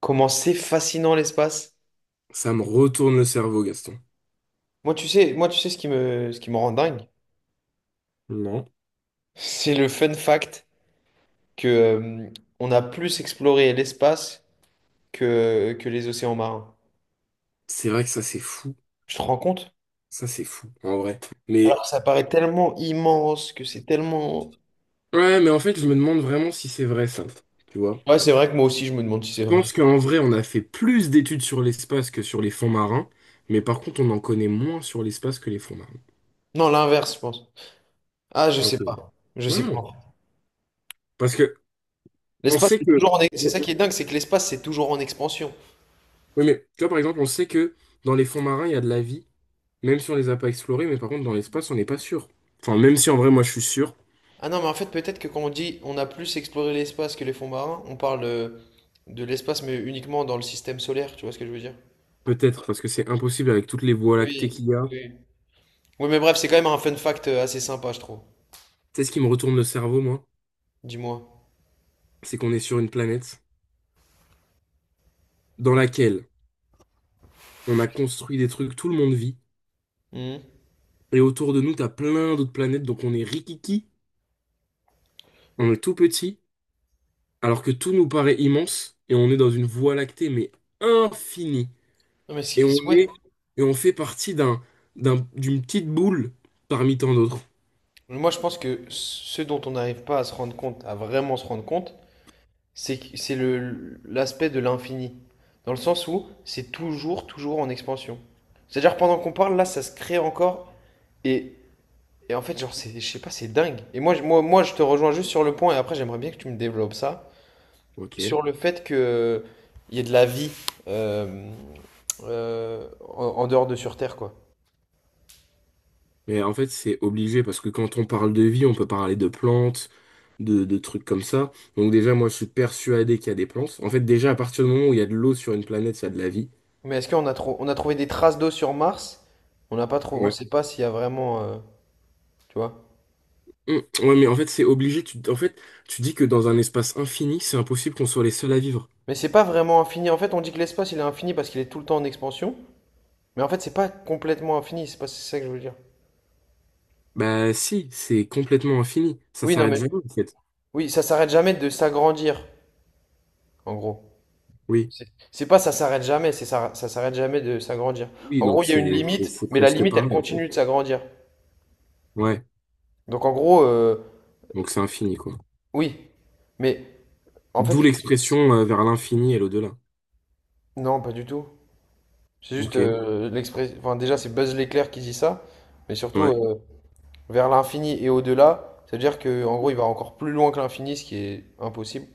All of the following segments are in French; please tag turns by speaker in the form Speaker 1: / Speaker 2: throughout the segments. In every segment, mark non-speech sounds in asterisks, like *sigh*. Speaker 1: Comment c'est fascinant l'espace.
Speaker 2: Ça me retourne le cerveau, Gaston.
Speaker 1: Moi, tu sais ce qui me rend dingue,
Speaker 2: Non.
Speaker 1: c'est le fun fact que on a plus exploré l'espace que les océans marins.
Speaker 2: C'est vrai que ça, c'est fou.
Speaker 1: Je te rends compte?
Speaker 2: Ça, c'est fou, en vrai.
Speaker 1: Alors
Speaker 2: Mais,
Speaker 1: que ça paraît tellement immense que c'est tellement.
Speaker 2: ouais, mais en fait, je me demande vraiment si c'est vrai, ça. Tu vois?
Speaker 1: Ouais, c'est vrai que moi aussi, je me demande si
Speaker 2: Je
Speaker 1: c'est vrai.
Speaker 2: pense qu'en vrai, on a fait plus d'études sur l'espace que sur les fonds marins. Mais par contre, on en connaît moins sur l'espace que les fonds marins.
Speaker 1: Non, l'inverse, je pense. Ah, je
Speaker 2: Ok.
Speaker 1: sais pas. Je sais pas.
Speaker 2: Non. Parce que, on
Speaker 1: L'espace,
Speaker 2: sait
Speaker 1: c'est
Speaker 2: que.
Speaker 1: toujours en... ex- C'est ça qui est dingue, c'est que l'espace, c'est toujours en expansion.
Speaker 2: Oui, mais, tu vois, par exemple, on sait que dans les fonds marins, il y a de la vie. Même si on les a pas explorés, mais par contre, dans l'espace, on n'est pas sûr. Enfin, même si en vrai, moi, je suis sûr.
Speaker 1: Ah non, mais en fait, peut-être que quand on dit on a plus exploré l'espace que les fonds marins, on parle de l'espace, mais uniquement dans le système solaire, tu vois ce que je veux dire?
Speaker 2: Peut-être, parce que c'est impossible avec toutes les voies lactées
Speaker 1: Oui,
Speaker 2: qu'il y a.
Speaker 1: oui. Oui, mais bref, c'est quand même un fun fact assez sympa, je trouve.
Speaker 2: Tu sais ce qui me retourne le cerveau, moi?
Speaker 1: Dis-moi.
Speaker 2: C'est qu'on est sur une planète dans laquelle on a construit des trucs, tout le monde vit,
Speaker 1: Mhm.
Speaker 2: et autour de nous, t'as plein d'autres planètes, donc on est rikiki, on est tout petit, alors que tout nous paraît immense, et on est dans une voie lactée, mais infinie.
Speaker 1: Non, mais
Speaker 2: Et on
Speaker 1: ouais.
Speaker 2: est, et on fait partie d'un, d'une petite boule parmi tant d'autres.
Speaker 1: Moi, je pense que ce dont on n'arrive pas à se rendre compte, à vraiment se rendre compte, c'est le l'aspect de l'infini. Dans le sens où c'est toujours, toujours en expansion. C'est-à-dire, pendant qu'on parle, là, ça se crée encore. Et En fait, genre, c'est, je sais pas, c'est dingue. Moi, je te rejoins juste sur le point, et après, j'aimerais bien que tu me développes ça.
Speaker 2: Ok.
Speaker 1: Sur le fait que il y ait de la vie euh, euh, en, en dehors de sur Terre, quoi.
Speaker 2: Mais en fait, c'est obligé parce que quand on parle de vie, on peut parler de plantes, de trucs comme ça. Donc déjà, moi, je suis persuadé qu'il y a des plantes. En fait, déjà, à partir du moment où il y a de l'eau sur une planète, il y a de la vie.
Speaker 1: Mais est-ce qu'on a, trou- on a trouvé des traces d'eau sur Mars? On n'a pas trouvé, on
Speaker 2: Ouais.
Speaker 1: sait pas s'il y a vraiment, tu vois.
Speaker 2: Mm. Ouais, mais en fait, c'est obligé. Tu, en fait, tu dis que dans un espace infini, c'est impossible qu'on soit les seuls à vivre.
Speaker 1: Mais c'est pas vraiment infini. En fait, on dit que l'espace, il est infini parce qu'il est tout le temps en expansion. Mais en fait, c'est pas complètement infini, c'est pas c'est ça que je veux dire.
Speaker 2: Bah si, c'est complètement infini. Ça
Speaker 1: Oui, non,
Speaker 2: s'arrête
Speaker 1: mais
Speaker 2: jamais, en fait.
Speaker 1: oui, ça s'arrête jamais de s'agrandir, en gros.
Speaker 2: Oui.
Speaker 1: C'est pas ça s'arrête jamais, c'est ça, ça s'arrête jamais de s'agrandir.
Speaker 2: Oui,
Speaker 1: En
Speaker 2: donc
Speaker 1: gros, il y a une
Speaker 2: c'est c'est
Speaker 1: limite,
Speaker 2: c'est
Speaker 1: mais la
Speaker 2: presque
Speaker 1: limite, elle
Speaker 2: pareil, en fait.
Speaker 1: continue de s'agrandir.
Speaker 2: Ouais.
Speaker 1: Donc en gros,
Speaker 2: Donc c'est infini, quoi.
Speaker 1: oui, mais en
Speaker 2: D'où
Speaker 1: fait,
Speaker 2: l'expression vers l'infini et l'au-delà.
Speaker 1: non, pas du tout.
Speaker 2: Ok.
Speaker 1: Enfin, déjà, c'est Buzz l'éclair qui dit ça, mais surtout
Speaker 2: Ouais.
Speaker 1: euh, vers l'infini et au-delà, c'est-à-dire que en gros, il va encore plus loin que l'infini, ce qui est impossible.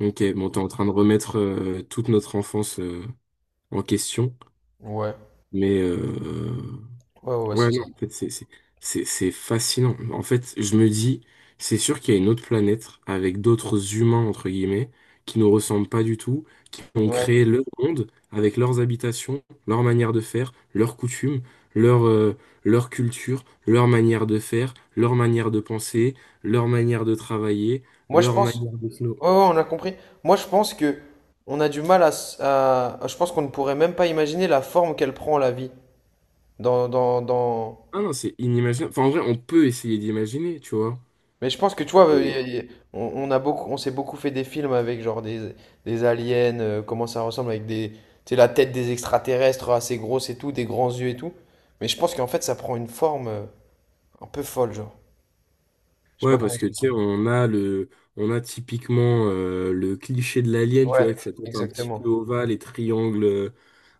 Speaker 2: Ok, bon, t'es en train de remettre toute notre enfance en question,
Speaker 1: Ouais,
Speaker 2: mais
Speaker 1: ouais, ouais, ouais,
Speaker 2: ouais,
Speaker 1: c'est
Speaker 2: non,
Speaker 1: ça.
Speaker 2: en fait, c'est fascinant. En fait, je me dis, c'est sûr qu'il y a une autre planète avec d'autres humains, entre guillemets, qui nous ressemblent pas du tout, qui ont
Speaker 1: Ouais.
Speaker 2: créé leur monde avec leurs habitations, leur manière de faire, leurs coutumes, leur, leur culture, leur manière de faire, leur manière de penser, leur manière de travailler,
Speaker 1: Moi, je
Speaker 2: leur
Speaker 1: pense.
Speaker 2: manière de...
Speaker 1: Ouais, ouais, on a compris. Moi, je pense que on a du mal à, s- à- je pense qu'on ne pourrait même pas imaginer la forme qu'elle prend la vie dans, dans, dans...
Speaker 2: Ah non, c'est inimaginable. Enfin, en vrai, on peut essayer d'imaginer, tu vois.
Speaker 1: Mais je pense que tu vois,
Speaker 2: Et
Speaker 1: on a beaucoup, on s'est beaucoup fait des films avec genre des, des aliens, comment ça ressemble avec des, tu sais, la tête des extraterrestres assez grosse et tout, des grands yeux et tout. Mais je pense qu'en fait, ça prend une forme un peu folle, genre. Je sais pas
Speaker 2: ouais,
Speaker 1: comment
Speaker 2: parce que tu
Speaker 1: expliquer.
Speaker 2: sais, on a le, on a typiquement le cliché de l'alien, tu
Speaker 1: Ouais,
Speaker 2: vois, que ça tête un petit peu
Speaker 1: exactement.
Speaker 2: ovale et triangle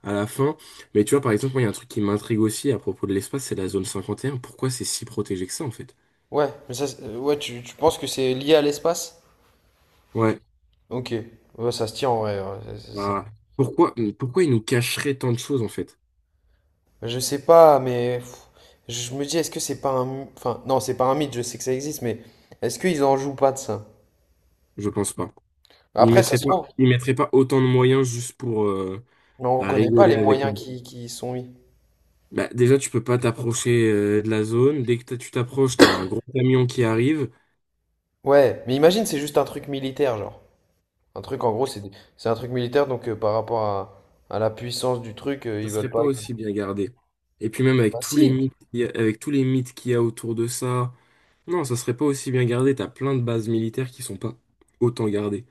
Speaker 2: à la fin. Mais tu vois, par exemple, moi, il y a un truc qui m'intrigue aussi à propos de l'espace, c'est la zone 51. Pourquoi c'est si protégé que ça, en fait?
Speaker 1: Ouais, tu, tu penses que c'est lié à l'espace?
Speaker 2: Ouais.
Speaker 1: Ok, ouais, ça se tient en vrai.
Speaker 2: Bah, pourquoi ils nous cacheraient tant de choses, en fait?
Speaker 1: Je sais pas, mais pff, je me dis, est-ce que c'est pas un... my- Enfin, non, c'est pas un mythe, je sais que ça existe, mais est-ce qu'ils en jouent pas de ça?
Speaker 2: Je pense pas.
Speaker 1: Après, ça se trouve,
Speaker 2: Ils mettraient pas autant de moyens juste pour
Speaker 1: mais on
Speaker 2: bah,
Speaker 1: connaît pas
Speaker 2: rigoler
Speaker 1: les
Speaker 2: avec.
Speaker 1: moyens qui y sont mis.
Speaker 2: Bah, déjà, tu peux pas t'approcher de la zone. Dès que tu t'approches, t'as un gros camion qui arrive.
Speaker 1: Ouais, mais imagine, c'est juste un truc militaire, genre. Un truc, en gros, c'est des- c'est un truc militaire, donc à la puissance du truc,
Speaker 2: Ça
Speaker 1: ils veulent
Speaker 2: serait pas
Speaker 1: pas... que-
Speaker 2: aussi bien gardé. Et puis même avec
Speaker 1: Bah
Speaker 2: tous les
Speaker 1: si!
Speaker 2: mythes, qu'il y a- avec tous les mythes qu'il y a autour de ça, non, ça serait pas aussi bien gardé. T'as plein de bases militaires qui sont pas autant gardées.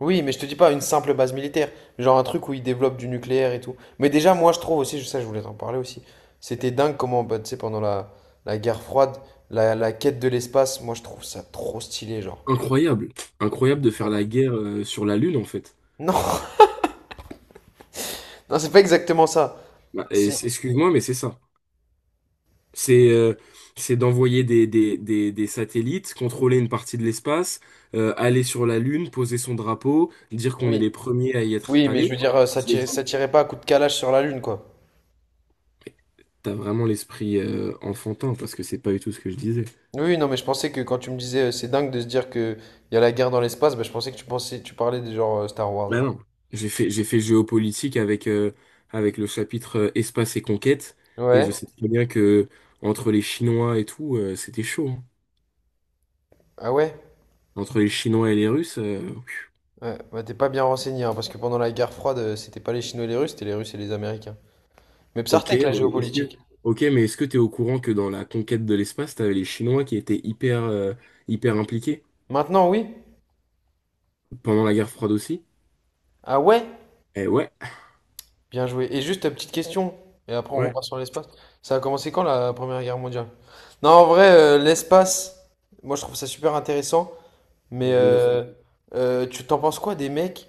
Speaker 1: Oui, mais je te dis pas une simple base militaire, genre un truc où ils développent du nucléaire et tout. Mais déjà, moi, je trouve aussi, ça, je voulais t'en parler aussi. C'était dingue comment, bah, tu sais, pendant la, la guerre froide, la quête de l'espace, moi, je trouve ça trop stylé, genre.
Speaker 2: Incroyable, incroyable de faire
Speaker 1: Incroyable.
Speaker 2: la guerre sur la Lune en fait.
Speaker 1: Non, *laughs* non, c'est pas exactement ça.
Speaker 2: Bah,
Speaker 1: Si,
Speaker 2: excuse-moi, mais c'est ça. C'est euh, c'est d'envoyer des satellites, contrôler une partie de l'espace, aller sur la Lune, poser son drapeau, dire qu'on est
Speaker 1: oui,
Speaker 2: les premiers à y être
Speaker 1: oui, mais je
Speaker 2: allés.
Speaker 1: veux dire, euh,
Speaker 2: Je l'ai dit,
Speaker 1: ça tirait pas à coup de calage sur la Lune, quoi.
Speaker 2: t'as vraiment l'esprit enfantin parce que c'est pas du tout ce que je disais.
Speaker 1: Oui, non, mais je pensais que quand tu me disais, c'est dingue de se dire que il y a la guerre dans l'espace, bah, je pensais que tu pensais, tu parlais des genre Star Wars,
Speaker 2: Bah
Speaker 1: genre.
Speaker 2: non, j'ai fait géopolitique avec, avec le chapitre espace et conquête et je
Speaker 1: Ouais.
Speaker 2: sais très bien que entre les Chinois et tout, c'était chaud, hein.
Speaker 1: Ah ouais?
Speaker 2: Entre les Chinois et les Russes,
Speaker 1: Ouais, bah t'es pas bien renseigné, hein, parce que pendant la guerre froide, c'était pas les Chinois et les Russes, c'était les Russes et les Américains. Mais
Speaker 2: ok,
Speaker 1: Psartek, la géopolitique.
Speaker 2: ok, mais est-ce que t'es au courant que dans la conquête de l'espace, t'avais les Chinois qui étaient hyper, hyper impliqués
Speaker 1: Maintenant, oui.
Speaker 2: pendant la guerre froide aussi?
Speaker 1: Ah ouais?
Speaker 2: Eh ouais,
Speaker 1: Bien joué. Et juste, petite question, et après on
Speaker 2: ouais,
Speaker 1: repart sur l'espace. Ça a commencé quand la Première Guerre mondiale? Non, en vrai, l'espace, moi je trouve ça super intéressant, mais
Speaker 2: en 1910.
Speaker 1: tu t'en penses quoi des mecs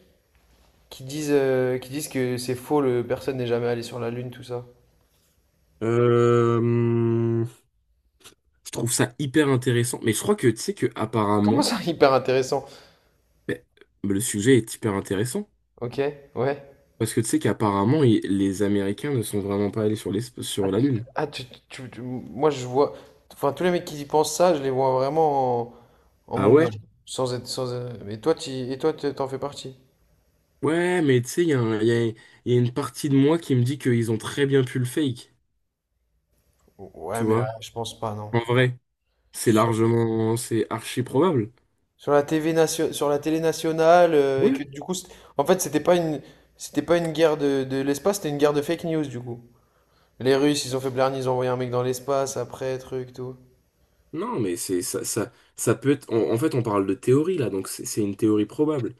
Speaker 1: qui disent que c'est faux, le, personne n'est jamais allé sur la Lune, tout ça?
Speaker 2: Euh, hum, je trouve ça hyper intéressant, mais je crois que tu sais que
Speaker 1: Comment
Speaker 2: apparemment,
Speaker 1: ça, hyper intéressant?
Speaker 2: ben, le sujet est hyper intéressant
Speaker 1: Ok, ouais.
Speaker 2: parce que tu sais qu'apparemment les Américains ne sont vraiment pas allés sur l'espace, sur la Lune.
Speaker 1: Ah, moi je vois. Enfin, tous les mecs qui y pensent ça, je les vois vraiment en, en
Speaker 2: Ah
Speaker 1: Mongol.
Speaker 2: ouais?
Speaker 1: Sans être. Et toi, t'en fais partie.
Speaker 2: Ouais, mais tu sais, il y a une partie de moi qui me dit qu'ils ont très bien pu le fake, tu
Speaker 1: Ouais, mais
Speaker 2: vois,
Speaker 1: je pense pas, non.
Speaker 2: en vrai.
Speaker 1: Je
Speaker 2: C'est
Speaker 1: suis sûr.
Speaker 2: largement, c'est archi probable.
Speaker 1: Sur la télé nationale, et que
Speaker 2: Oui.
Speaker 1: du coup. C't- En fait, c'était pas une. C'était pas une guerre de l'espace, c'était une guerre de fake news, du coup. Les Russes, ils ont fait Blarney, ils ont envoyé un mec dans l'espace, après, truc, tout.
Speaker 2: Non, mais c'est ça, ça peut être. En fait, on parle de théorie là, donc c'est une théorie probable.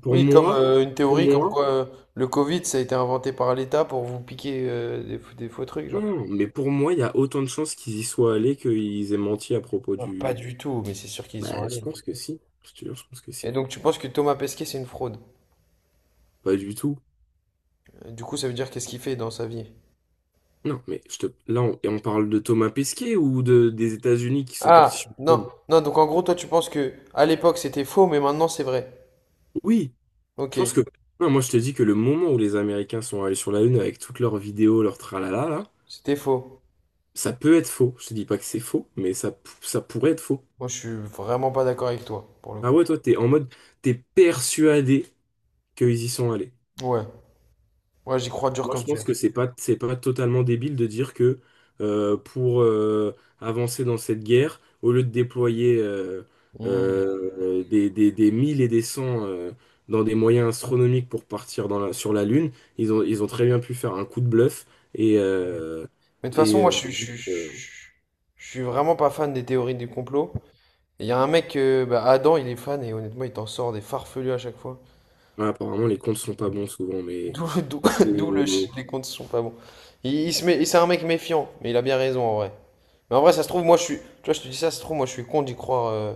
Speaker 2: Pour
Speaker 1: Oui, comme
Speaker 2: moi,
Speaker 1: une
Speaker 2: pour
Speaker 1: théorie, comme
Speaker 2: moi,
Speaker 1: quoi le Covid, ça a été inventé par l'État pour vous piquer des faux trucs,
Speaker 2: non,
Speaker 1: genre.
Speaker 2: non, mais pour moi, il y a autant de chances qu'ils y soient allés qu'ils aient menti à propos
Speaker 1: Ah, pas
Speaker 2: du.
Speaker 1: du tout, mais c'est sûr qu'ils y sont
Speaker 2: Bah, je
Speaker 1: allés.
Speaker 2: pense que si. Je te jure, je pense que
Speaker 1: Et
Speaker 2: si.
Speaker 1: donc tu penses que Thomas Pesquet c'est une fraude?
Speaker 2: Pas du tout.
Speaker 1: Du coup ça veut dire qu'est-ce qu'il fait dans sa vie?
Speaker 2: Non, mais je te... là, et on parle de Thomas Pesquet ou de, des États-Unis qui sont partis sur
Speaker 1: Ah
Speaker 2: la
Speaker 1: non
Speaker 2: Lune.
Speaker 1: non donc en gros toi tu penses que à l'époque c'était faux mais maintenant c'est vrai.
Speaker 2: Oui, je
Speaker 1: Ok,
Speaker 2: pense que. Non, moi, je te dis que le moment où les Américains sont allés sur la Lune avec toutes leurs vidéos, leurs tralala, là,
Speaker 1: c'était faux.
Speaker 2: ça peut être faux. Je te dis pas que c'est faux, mais ça, ça pourrait être faux.
Speaker 1: Moi je suis vraiment pas d'accord avec toi pour le
Speaker 2: Ah
Speaker 1: coup.
Speaker 2: ouais, toi, t'es persuadé qu'ils y sont allés.
Speaker 1: Ouais, ouais, j'y crois dur
Speaker 2: Moi, je
Speaker 1: comme fer.
Speaker 2: pense que c'est pas totalement débile de dire que pour avancer dans cette guerre, au lieu de déployer
Speaker 1: Hmm.
Speaker 2: des mille et des cents dans des moyens astronomiques pour partir dans sur la Lune, ils ont très bien pu faire un coup de bluff et, euh,
Speaker 1: Mais de toute
Speaker 2: et
Speaker 1: façon moi
Speaker 2: euh, juste, euh,
Speaker 1: je suis vraiment pas fan des théories du complot. Et il y a un mec Adam il est fan et honnêtement il t'en sort des farfelus à chaque fois.
Speaker 2: ouais, apparemment les comptes sont pas bons souvent, mais.
Speaker 1: D'où d'où- *laughs* d'où
Speaker 2: Et-
Speaker 1: les comptes sont pas bons. Il se met, c'est un mec méfiant, mais il a bien raison en vrai. Mais en vrai, ça se trouve, moi je suis. Tu vois, je te dis ça, ça se trouve, moi je suis con d'y croire.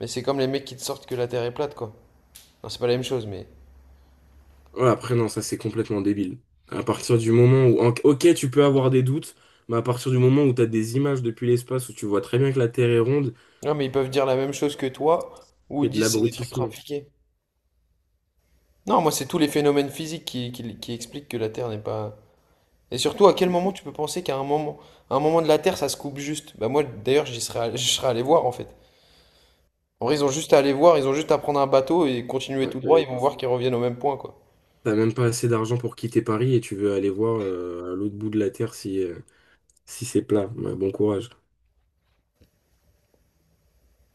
Speaker 1: Mais c'est comme les mecs qui te sortent que la Terre est plate, quoi. Non, c'est pas la même chose, mais.
Speaker 2: Ouais, après, non, ça c'est complètement débile. À partir du moment où. Ok, tu peux avoir des doutes, mais à partir du moment où tu as des images depuis l'espace où tu vois très bien que la Terre est ronde,
Speaker 1: Non, mais ils peuvent dire la même chose que toi, ou ils
Speaker 2: c'est de
Speaker 1: disent c'est des trucs
Speaker 2: l'abrutissement.
Speaker 1: trafiqués. Non, moi c'est tous les phénomènes physiques qui expliquent que la Terre n'est pas. Et surtout, à quel moment tu peux penser qu'à un moment, à un moment de la Terre, ça se coupe juste? Bah moi, d'ailleurs, je serais allé voir en fait. En vrai, ils ont juste à aller voir, ils ont juste à prendre un bateau et continuer
Speaker 2: Ouais,
Speaker 1: tout droit, ils vont voir qu'ils reviennent au même point, quoi.
Speaker 2: t'as même pas assez d'argent pour quitter Paris et tu veux aller voir à l'autre bout de la Terre si, si c'est plat. Ouais, bon courage.